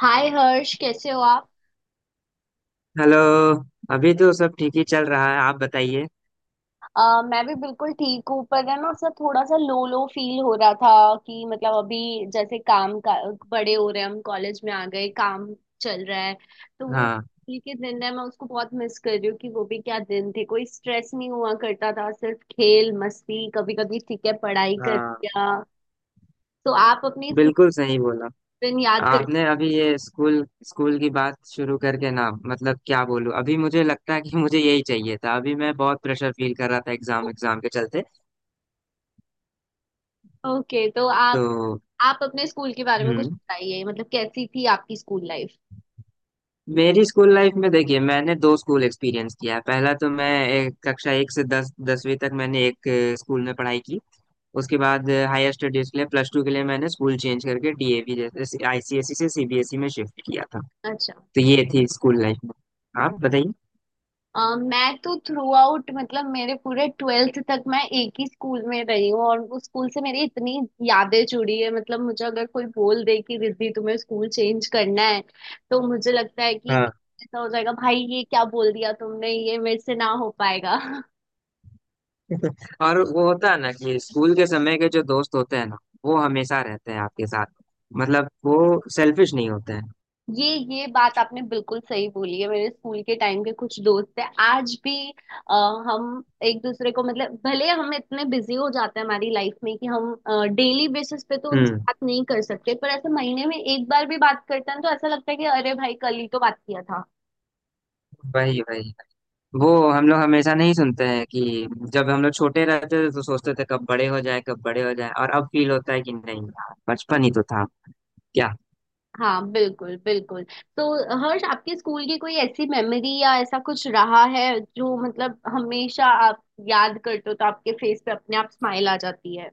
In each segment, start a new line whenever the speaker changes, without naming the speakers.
हाय हर्ष, कैसे हो आप।
हेलो। अभी तो सब ठीक ही चल रहा है, आप बताइए।
मैं भी बिल्कुल ठीक हूँ। पर है ना सर, थोड़ा सा लो लो फील हो रहा था कि मतलब अभी जैसे काम का बड़े हो रहे हैं, हम कॉलेज में आ गए, काम चल रहा है। तो वो
हाँ।
स्कूल के दिन है, मैं उसको बहुत मिस कर रही हूँ कि वो भी क्या दिन थे। कोई स्ट्रेस नहीं हुआ करता था, सिर्फ खेल मस्ती, कभी कभी ठीक है पढ़ाई कर
हाँ,
लिया। तो आप अपने स्कूल
बिल्कुल सही बोला।
के दिन याद करते
आपने अभी ये स्कूल स्कूल की बात शुरू करके ना, मतलब क्या बोलूँ, अभी मुझे लगता है कि मुझे यही चाहिए था। अभी मैं बहुत प्रेशर फील कर रहा था एग्जाम एग्जाम के चलते।
हो। ओके, तो आप
तो
आप अपने स्कूल के बारे में कुछ
हम्म
बताइए, मतलब कैसी थी आपकी स्कूल लाइफ।
मेरी स्कूल लाइफ में देखिए, मैंने दो स्कूल एक्सपीरियंस किया है। पहला तो मैं एक, कक्षा एक से दस दसवीं तक मैंने एक स्कूल में पढ़ाई की। उसके बाद हायर स्टडीज के लिए, प्लस टू के लिए मैंने स्कूल चेंज करके डीएवी, जैसे आईसीएसई से सीबीएसई में शिफ्ट किया था।
अच्छा।
तो ये थी स्कूल लाइफ, में आप बताइए।
मैं तो थ्रू आउट मतलब मेरे पूरे ट्वेल्थ तक मैं एक ही स्कूल में रही हूँ और उस स्कूल से मेरी इतनी यादें जुड़ी है। मतलब मुझे अगर कोई बोल दे कि रिद्धि तुम्हें स्कूल चेंज करना है तो मुझे लगता है कि
हाँ।
ऐसा हो जाएगा, भाई ये क्या बोल दिया तुमने, ये मेरे से ना हो पाएगा।
और वो होता है ना कि स्कूल के समय के जो दोस्त होते हैं ना, वो हमेशा रहते हैं आपके साथ। मतलब वो सेल्फिश नहीं होते हैं।
ये ये बात आपने बिल्कुल सही बोली है। मेरे स्कूल के टाइम के कुछ दोस्त हैं आज भी। अ, हम एक दूसरे को मतलब भले हम इतने बिजी हो जाते हैं हमारी लाइफ में कि हम डेली बेसिस पे तो उनसे
हम्म।
बात नहीं कर सकते, पर ऐसे महीने में एक बार भी बात करते हैं तो ऐसा लगता है कि अरे भाई कल ही तो बात किया था।
वही वही। वो हम लोग हमेशा नहीं सुनते हैं कि जब हम लोग छोटे रहते थे तो सोचते थे कब बड़े हो जाए, कब बड़े हो जाए। और अब फील होता है कि नहीं यार, बचपन ही तो था क्या।
हाँ बिल्कुल बिल्कुल। तो हर्ष, आपके स्कूल की कोई ऐसी मेमोरी या ऐसा कुछ रहा है जो मतलब हमेशा आप याद करते हो तो आपके फेस पे अपने आप स्माइल आ जाती है।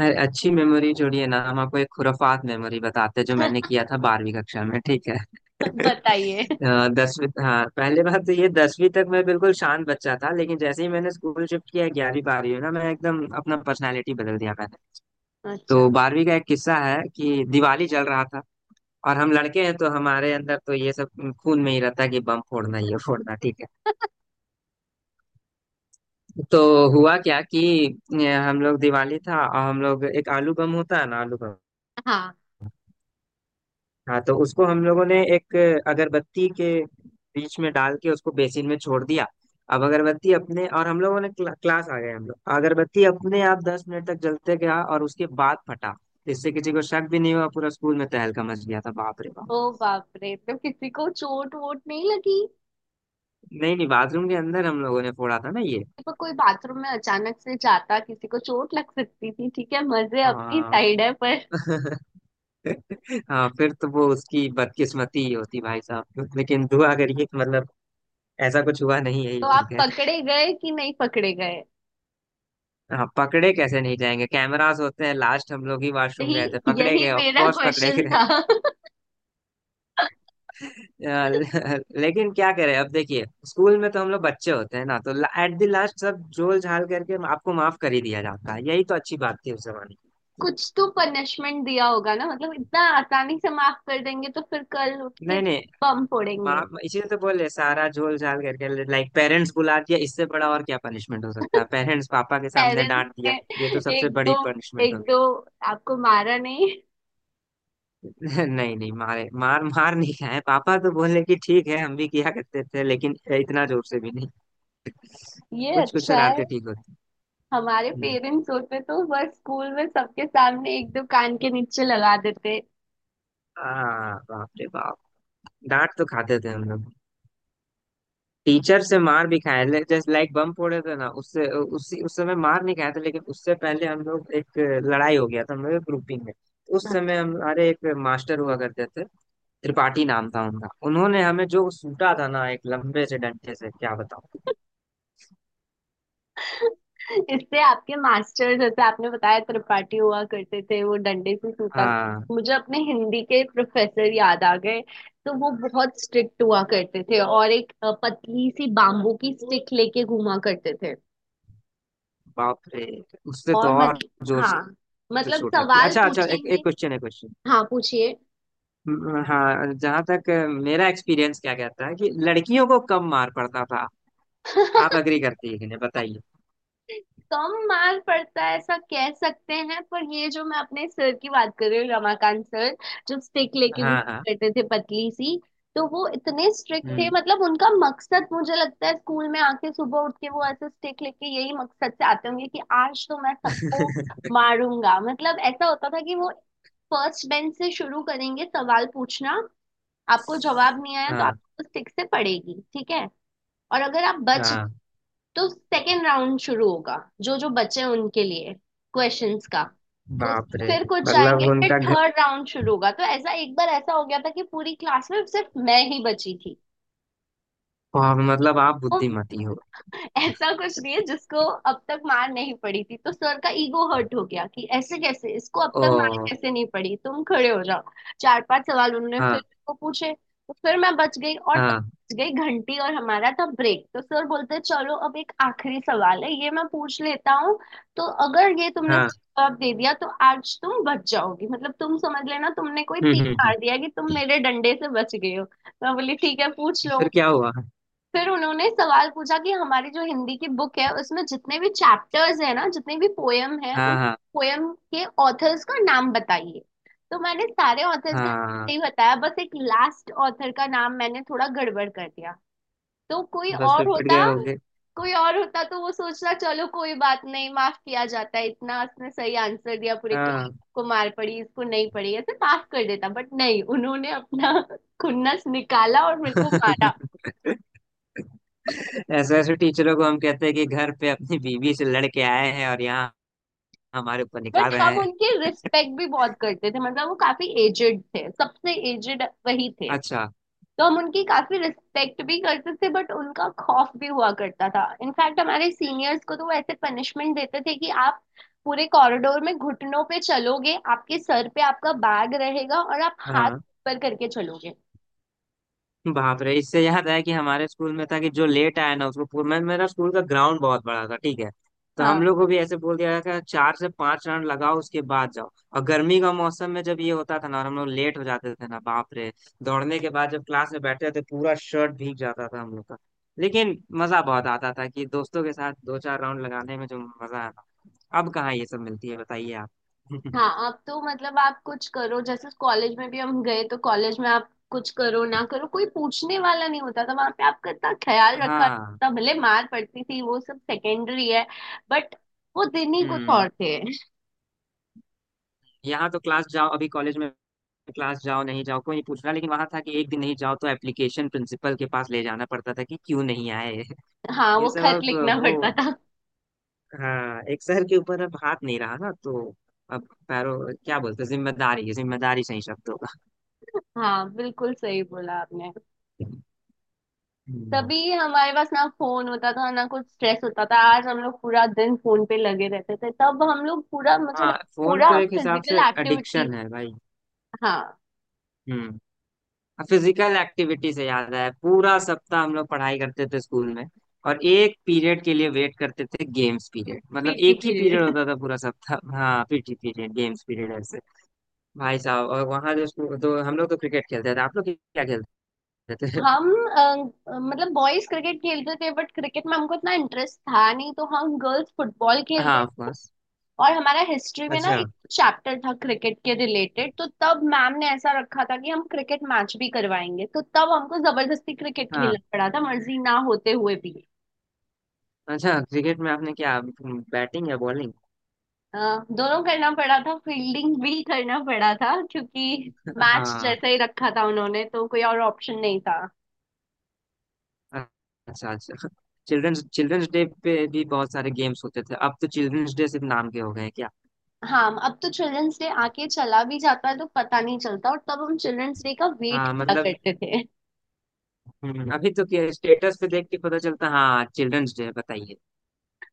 अरे, अच्छी मेमोरी जोड़िए ना, हम आपको एक खुराफात मेमोरी बताते हैं जो मैंने किया था 12वीं कक्षा में, ठीक है।
बताइए।
दसवीं, हाँ, पहले बात तो ये, 10वीं तक मैं बिल्कुल शांत बच्चा था लेकिन जैसे ही मैंने स्कूल शिफ्ट किया 11वीं 12वीं में ना, मैं एकदम अपना पर्सनालिटी बदल दिया मैंने।
अच्छा।
तो 12वीं का एक किस्सा है कि दिवाली जल रहा था और हम लड़के हैं तो हमारे अंदर तो ये सब खून में ही रहता है कि बम फोड़ना ये फोड़ना, ठीक है। तो हुआ क्या कि हम लोग, दिवाली था और हम लोग एक आलू बम होता है ना, आलू बम। हाँ, तो उसको हम लोगों ने एक अगरबत्ती के बीच में डाल के उसको बेसिन में छोड़ दिया। अब अगरबत्ती अपने और हम लोगों ने क्लास आ गए हम लोग, अगरबत्ती अपने आप 10 मिनट तक जलते गया और उसके बाद फटा। इससे किसी को शक भी नहीं हुआ। पूरा स्कूल में तहलका मच गया था, बाप रे बाप।
ओ बाप रे, तो किसी को चोट वोट नहीं लगी।
नहीं नहीं, बाथरूम के अंदर हम लोगों ने फोड़ा था ना ये।
पर कोई बाथरूम में अचानक से जाता किसी को चोट लग सकती थी, ठीक है मजे अपनी साइड
हाँ।
है पर।
हाँ, फिर तो वो उसकी बदकिस्मती ही होती भाई साहब, लेकिन दुआ करिए कि मतलब ऐसा कुछ हुआ नहीं है ये,
तो आप
ठीक है।
पकड़े गए कि नहीं पकड़े गए।
हाँ, पकड़े कैसे नहीं जाएंगे, कैमरास होते हैं, लास्ट हम लोग ही वॉशरूम गए थे,
यही
पकड़े
यही
गए, ऑफ
मेरा
कोर्स पकड़े
क्वेश्चन
गए।
था।
लेकिन क्या करें, अब देखिए स्कूल में तो हम लोग बच्चे होते हैं ना, तो एट द लास्ट सब झोल झाल करके आपको माफ कर ही दिया जाता है, यही तो अच्छी बात थी उस जमाने की।
कुछ तो पनिशमेंट दिया होगा ना, मतलब इतना आसानी से माफ कर देंगे तो फिर कल उठ के
नहीं नहीं,
बम फोड़ेंगे।
माफ इसीलिए तो बोले, सारा झोल झाल करके, लाइक पेरेंट्स बुला दिया, इससे बड़ा और क्या पनिशमेंट हो सकता है, पेरेंट्स पापा के सामने
पेरेंट्स
डांट
ने
दिया। ये तो सबसे
एक दो
बड़ी पनिशमेंट।
एक दो, आपको मारा नहीं।
नहीं नहीं, मार नहीं खाए, पापा तो बोले कि ठीक है हम भी किया करते थे लेकिन इतना जोर से भी नहीं।
ये
कुछ कुछ
अच्छा,
शरारते ठीक होती।
हमारे
हम्म।
पेरेंट्स होते तो बस स्कूल में सबके सामने एक दो कान के नीचे लगा देते।
हाँ बाप रे बाप, डांट तो खाते थे हम लोग, टीचर से मार भी खाए। जैसे लाइक बम फोड़े थे ना, उससे उसी उस समय मार नहीं खाए थे, लेकिन उससे पहले हम लोग एक लड़ाई हो गया था हम लोग ग्रुपिंग में। उस समय हमारे एक मास्टर हुआ करते थे, त्रिपाठी नाम था उनका, उन्होंने हमें जो सूटा था ना एक लंबे से डंडे से क्या बताऊं।
इससे आपके मास्टर जैसे आपने बताया त्रिपाठी हुआ करते थे वो डंडे से सूता,
हाँ
मुझे अपने हिंदी के प्रोफेसर याद आ गए। तो वो बहुत स्ट्रिक्ट हुआ करते थे और एक पतली सी बाम्बू की स्टिक लेके घूमा करते थे।
बाप रे, उससे तो
और
और
मतलब
जोर
हाँ,
से
मतलब
चोट लगती है।
सवाल
अच्छा अच्छा, एक एक
पूछेंगे।
क्वेश्चन है, क्वेश्चन।
हाँ पूछिए।
हाँ, जहाँ तक मेरा एक्सपीरियंस क्या कहता है कि लड़कियों को कम मार पड़ता था। आप अग्री करती है कि नहीं बताइए।
कम मार्क पड़ता है ऐसा कह सकते हैं, पर ये जो मैं अपने सर की बात कर रही हूँ, रमाकांत सर जो स्टिक लेके
हाँ
घूमा
हाँ।
करते थे पतली सी, तो वो इतने स्ट्रिक्ट थे।
हम्म।
मतलब उनका मकसद मुझे लगता है स्कूल में आके सुबह उठ के वो ऐसे स्टिक लेके यही मकसद से आते होंगे कि आज तो मैं सबको मारूंगा। मतलब ऐसा होता था कि वो फर्स्ट बेंच से शुरू करेंगे सवाल पूछना, आपको जवाब नहीं आया तो
हाँ
आपको स्टिक से पड़ेगी, ठीक है। और अगर आप बच
हाँ,
तो सेकेंड राउंड शुरू होगा, जो जो बचे हैं उनके लिए, क्वेश्चंस का। तो
बाप रे,
फिर कुछ
मतलब
जाएंगे, फिर
उनका घ...
थर्ड राउंड शुरू होगा। तो ऐसा एक बार ऐसा हो गया था कि पूरी क्लास में सिर्फ मैं ही बची थी
वाह, मतलब आप
और
बुद्धिमती हो।
ऐसा कुछ नहीं है जिसको अब तक मार नहीं पड़ी थी, तो सर का ईगो हर्ट हो गया कि ऐसे कैसे, इसको अब तक मार
ओ,
कैसे नहीं पड़ी, तुम खड़े हो जाओ। चार पांच सवाल उन्होंने फिर
हाँ
मेरे को पूछे तो फिर मैं बच गई और तब
हाँ
बच गई घंटी और हमारा था ब्रेक। तो सर बोलते चलो अब एक आखिरी सवाल है ये मैं पूछ लेता हूँ, तो अगर ये तुमने
हाँ,
सही जवाब दे दिया तो आज तुम बच जाओगी, मतलब तुम समझ लेना तुमने कोई
हम्म
तीर
हम्म हम्म।
मार दिया कि तुम मेरे डंडे से बच गए हो। मैं बोली ठीक है पूछ लो।
फिर क्या हुआ।
फिर उन्होंने सवाल पूछा कि हमारी जो हिंदी की बुक है उसमें जितने भी चैप्टर्स हैं ना, जितने भी पोयम हैं, उन
हाँ हाँ
पोयम के ऑथर्स का नाम बताइए। तो मैंने सारे ऑथर्स का नाम
हाँ,
नहीं बताया, बस एक लास्ट ऑथर का नाम मैंने थोड़ा गड़बड़ कर दिया। तो कोई
बस
और
फिर पिट गए
होता,
होगे।
कोई और होता तो वो सोचता चलो कोई बात नहीं माफ किया जाता है, इतना उसने सही आंसर दिया पूरे के
हाँ,
को मार पड़ी इसको नहीं पड़ी ऐसे माफ कर देता, बट नहीं उन्होंने अपना खुन्नस निकाला और मेरे को मारा।
ऐसे ऐसे टीचरों को हम कहते हैं कि घर पे अपनी बीवी से लड़के आए हैं और यहाँ हमारे ऊपर निकाल
बट
रहे
हम
हैं।
उनकी रिस्पेक्ट भी बहुत करते थे, मतलब वो काफी एजेड थे, सबसे एजेड वही थे।
अच्छा।
तो हम उनकी काफी रिस्पेक्ट भी करते थे बट उनका खौफ भी हुआ करता था। इनफैक्ट हमारे सीनियर्स को तो वो ऐसे पनिशमेंट देते थे कि आप पूरे कॉरिडोर में घुटनों पे चलोगे, आपके सर पे आपका बैग रहेगा और आप हाथ
हाँ
ऊपर करके चलोगे।
बाप रे, इससे याद आया कि हमारे स्कूल में था कि जो लेट आया ना उसको पूरा, मैं, मेरा स्कूल का ग्राउंड बहुत बड़ा था ठीक है, तो हम
हाँ
लोग को भी ऐसे बोल दिया था चार से पांच राउंड लगाओ उसके बाद जाओ। और गर्मी का मौसम में जब ये होता था ना और हम लोग लेट हो जाते थे ना, बाप रे, दौड़ने के बाद जब क्लास में बैठते थे पूरा शर्ट भीग जाता था हम लोग का। लेकिन मजा बहुत आता था कि दोस्तों के साथ दो चार राउंड लगाने में जो मजा आया। अब कहाँ ये सब मिलती है, बताइए आप।
हाँ। अब तो मतलब आप कुछ करो, जैसे कॉलेज में भी हम गए तो कॉलेज में आप कुछ करो ना करो कोई पूछने वाला नहीं होता था, वहां पे आपका इतना ख्याल रखा
हाँ।
जाता था, भले मार पड़ती थी वो सब सेकेंडरी है, बट वो दिन ही कुछ
हम्म।
और थे।
यहाँ तो क्लास जाओ अभी कॉलेज में, क्लास जाओ नहीं जाओ कोई नहीं पूछ रहा, लेकिन वहां था कि एक दिन नहीं जाओ तो एप्लीकेशन प्रिंसिपल के पास ले जाना पड़ता था कि क्यों नहीं आए।
हाँ
ये
वो
सब
खत
अब
लिखना
वो
पड़ता था।
हाँ, एक शहर के ऊपर अब हाथ नहीं रहा ना तो अब पैरों, क्या बोलते हैं, जिम्मेदारी है, जिम्मेदारी सही शब्द होगा।
हाँ बिल्कुल सही बोला आपने।
हम्म।
तभी हमारे पास ना फोन होता था ना कुछ स्ट्रेस होता था। आज हम लोग पूरा दिन फोन पे लगे रहते थे, तब हम लोग पूरा, मुझे लगता
हाँ,
है
फोन
पूरा
तो
हम
एक हिसाब से
फिजिकल एक्टिविटी।
एडिक्शन है भाई।
हाँ
हम्म फिजिकल एक्टिविटी से याद आया, पूरा सप्ताह हम लोग पढ़ाई करते थे स्कूल में, और एक पीरियड के लिए वेट करते थे गेम्स पीरियड, मतलब
पीटी
एक ही पीरियड
पीरियड।
होता था पूरा सप्ताह, हाँ पीटी पीरियड गेम्स पीरियड ऐसे भाई साहब। और वहां जो स्कूल, तो हम लोग तो क्रिकेट खेलते थे, आप लोग क्या खेलते थे।
हम, मतलब बॉयज क्रिकेट खेलते थे बट क्रिकेट में हमको इतना इंटरेस्ट था नहीं, तो हम गर्ल्स फुटबॉल
हाँ
खेलते।
ऑफ कोर्स,
और हमारा हिस्ट्री में ना
अच्छा,
एक चैप्टर था क्रिकेट के रिलेटेड, तो तब मैम ने ऐसा रखा था कि हम क्रिकेट मैच भी करवाएंगे, तो तब हमको जबरदस्ती क्रिकेट
हाँ
खेलना पड़ा था मर्जी ना होते हुए भी।
अच्छा। क्रिकेट में आपने क्या, बैटिंग या बॉलिंग।
अ, दोनों करना पड़ा था, फील्डिंग भी करना पड़ा था क्योंकि मैच
हाँ,
जैसा ही रखा था उन्होंने, तो कोई और ऑप्शन नहीं था।
अच्छा अच्छा। चिल्ड्रंस चिल्ड्रंस डे पे भी बहुत सारे गेम्स होते थे, अब तो चिल्ड्रंस डे सिर्फ नाम के हो गए हैं क्या।
हाँ अब तो चिल्ड्रंस डे आके चला भी जाता है तो पता नहीं चलता, और तब हम चिल्ड्रंस डे का वेट
हाँ
किया
मतलब,
करते थे।
अभी तो क्या स्टेटस पे देख के पता चलता, हाँ चिल्ड्रंस डे, बताइए।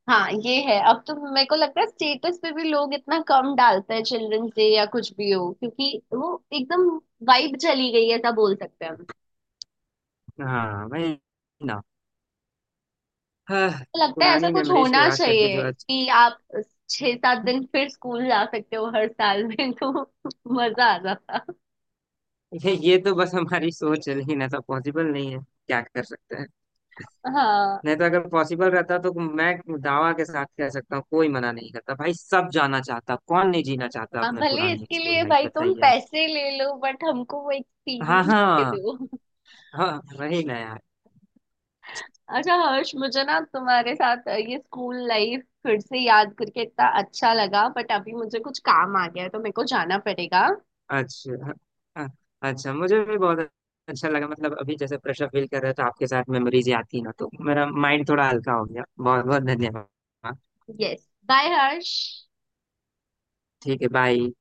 हाँ ये है, अब तो मेरे को लगता है स्टेटस पे भी लोग इतना कम डालते हैं चिल्ड्रंस डे या कुछ भी हो, क्योंकि वो एकदम वाइब चली गई है ऐसा बोल सकते हैं हम।
हाँ वही ना। हाँ,
तो लगता है ऐसा
पुरानी
कुछ
मेमोरीज को
होना
याद करके
चाहिए
जो अच्छा।
कि आप 6-7 दिन फिर स्कूल जा सकते हो हर साल में। तो मजा आ जाता।
ये तो बस हमारी सोच है लेकिन ऐसा पॉसिबल नहीं है, क्या कर सकते हैं।
हाँ,
नहीं तो अगर पॉसिबल रहता तो मैं दावा के साथ कह सकता हूँ कोई मना नहीं करता भाई, सब जाना चाहता, कौन नहीं जीना चाहता
हाँ,
अपने
भले
पुरानी
इसके
स्कूल
लिए
लाइफ,
भाई तुम
बताइए आप।
पैसे ले लो बट हमको वो
हाँ
एक्सपीरियंस दे
हाँ।
दो।
हाँ वही ना यार।
अच्छा हर्ष, मुझे ना तुम्हारे साथ ये स्कूल लाइफ फिर से याद करके इतना अच्छा लगा, बट अभी मुझे कुछ काम आ गया है तो मेरे को जाना पड़ेगा।
अच्छा। हाँ, अच्छा मुझे भी बहुत अच्छा लगा, मतलब अभी जैसे प्रेशर फील कर रहे हो, तो आपके साथ मेमोरीज आती ना तो मेरा माइंड थोड़ा हल्का हो गया, बहुत बहुत धन्यवाद।
Yes bye Harsh.
ठीक है बाय।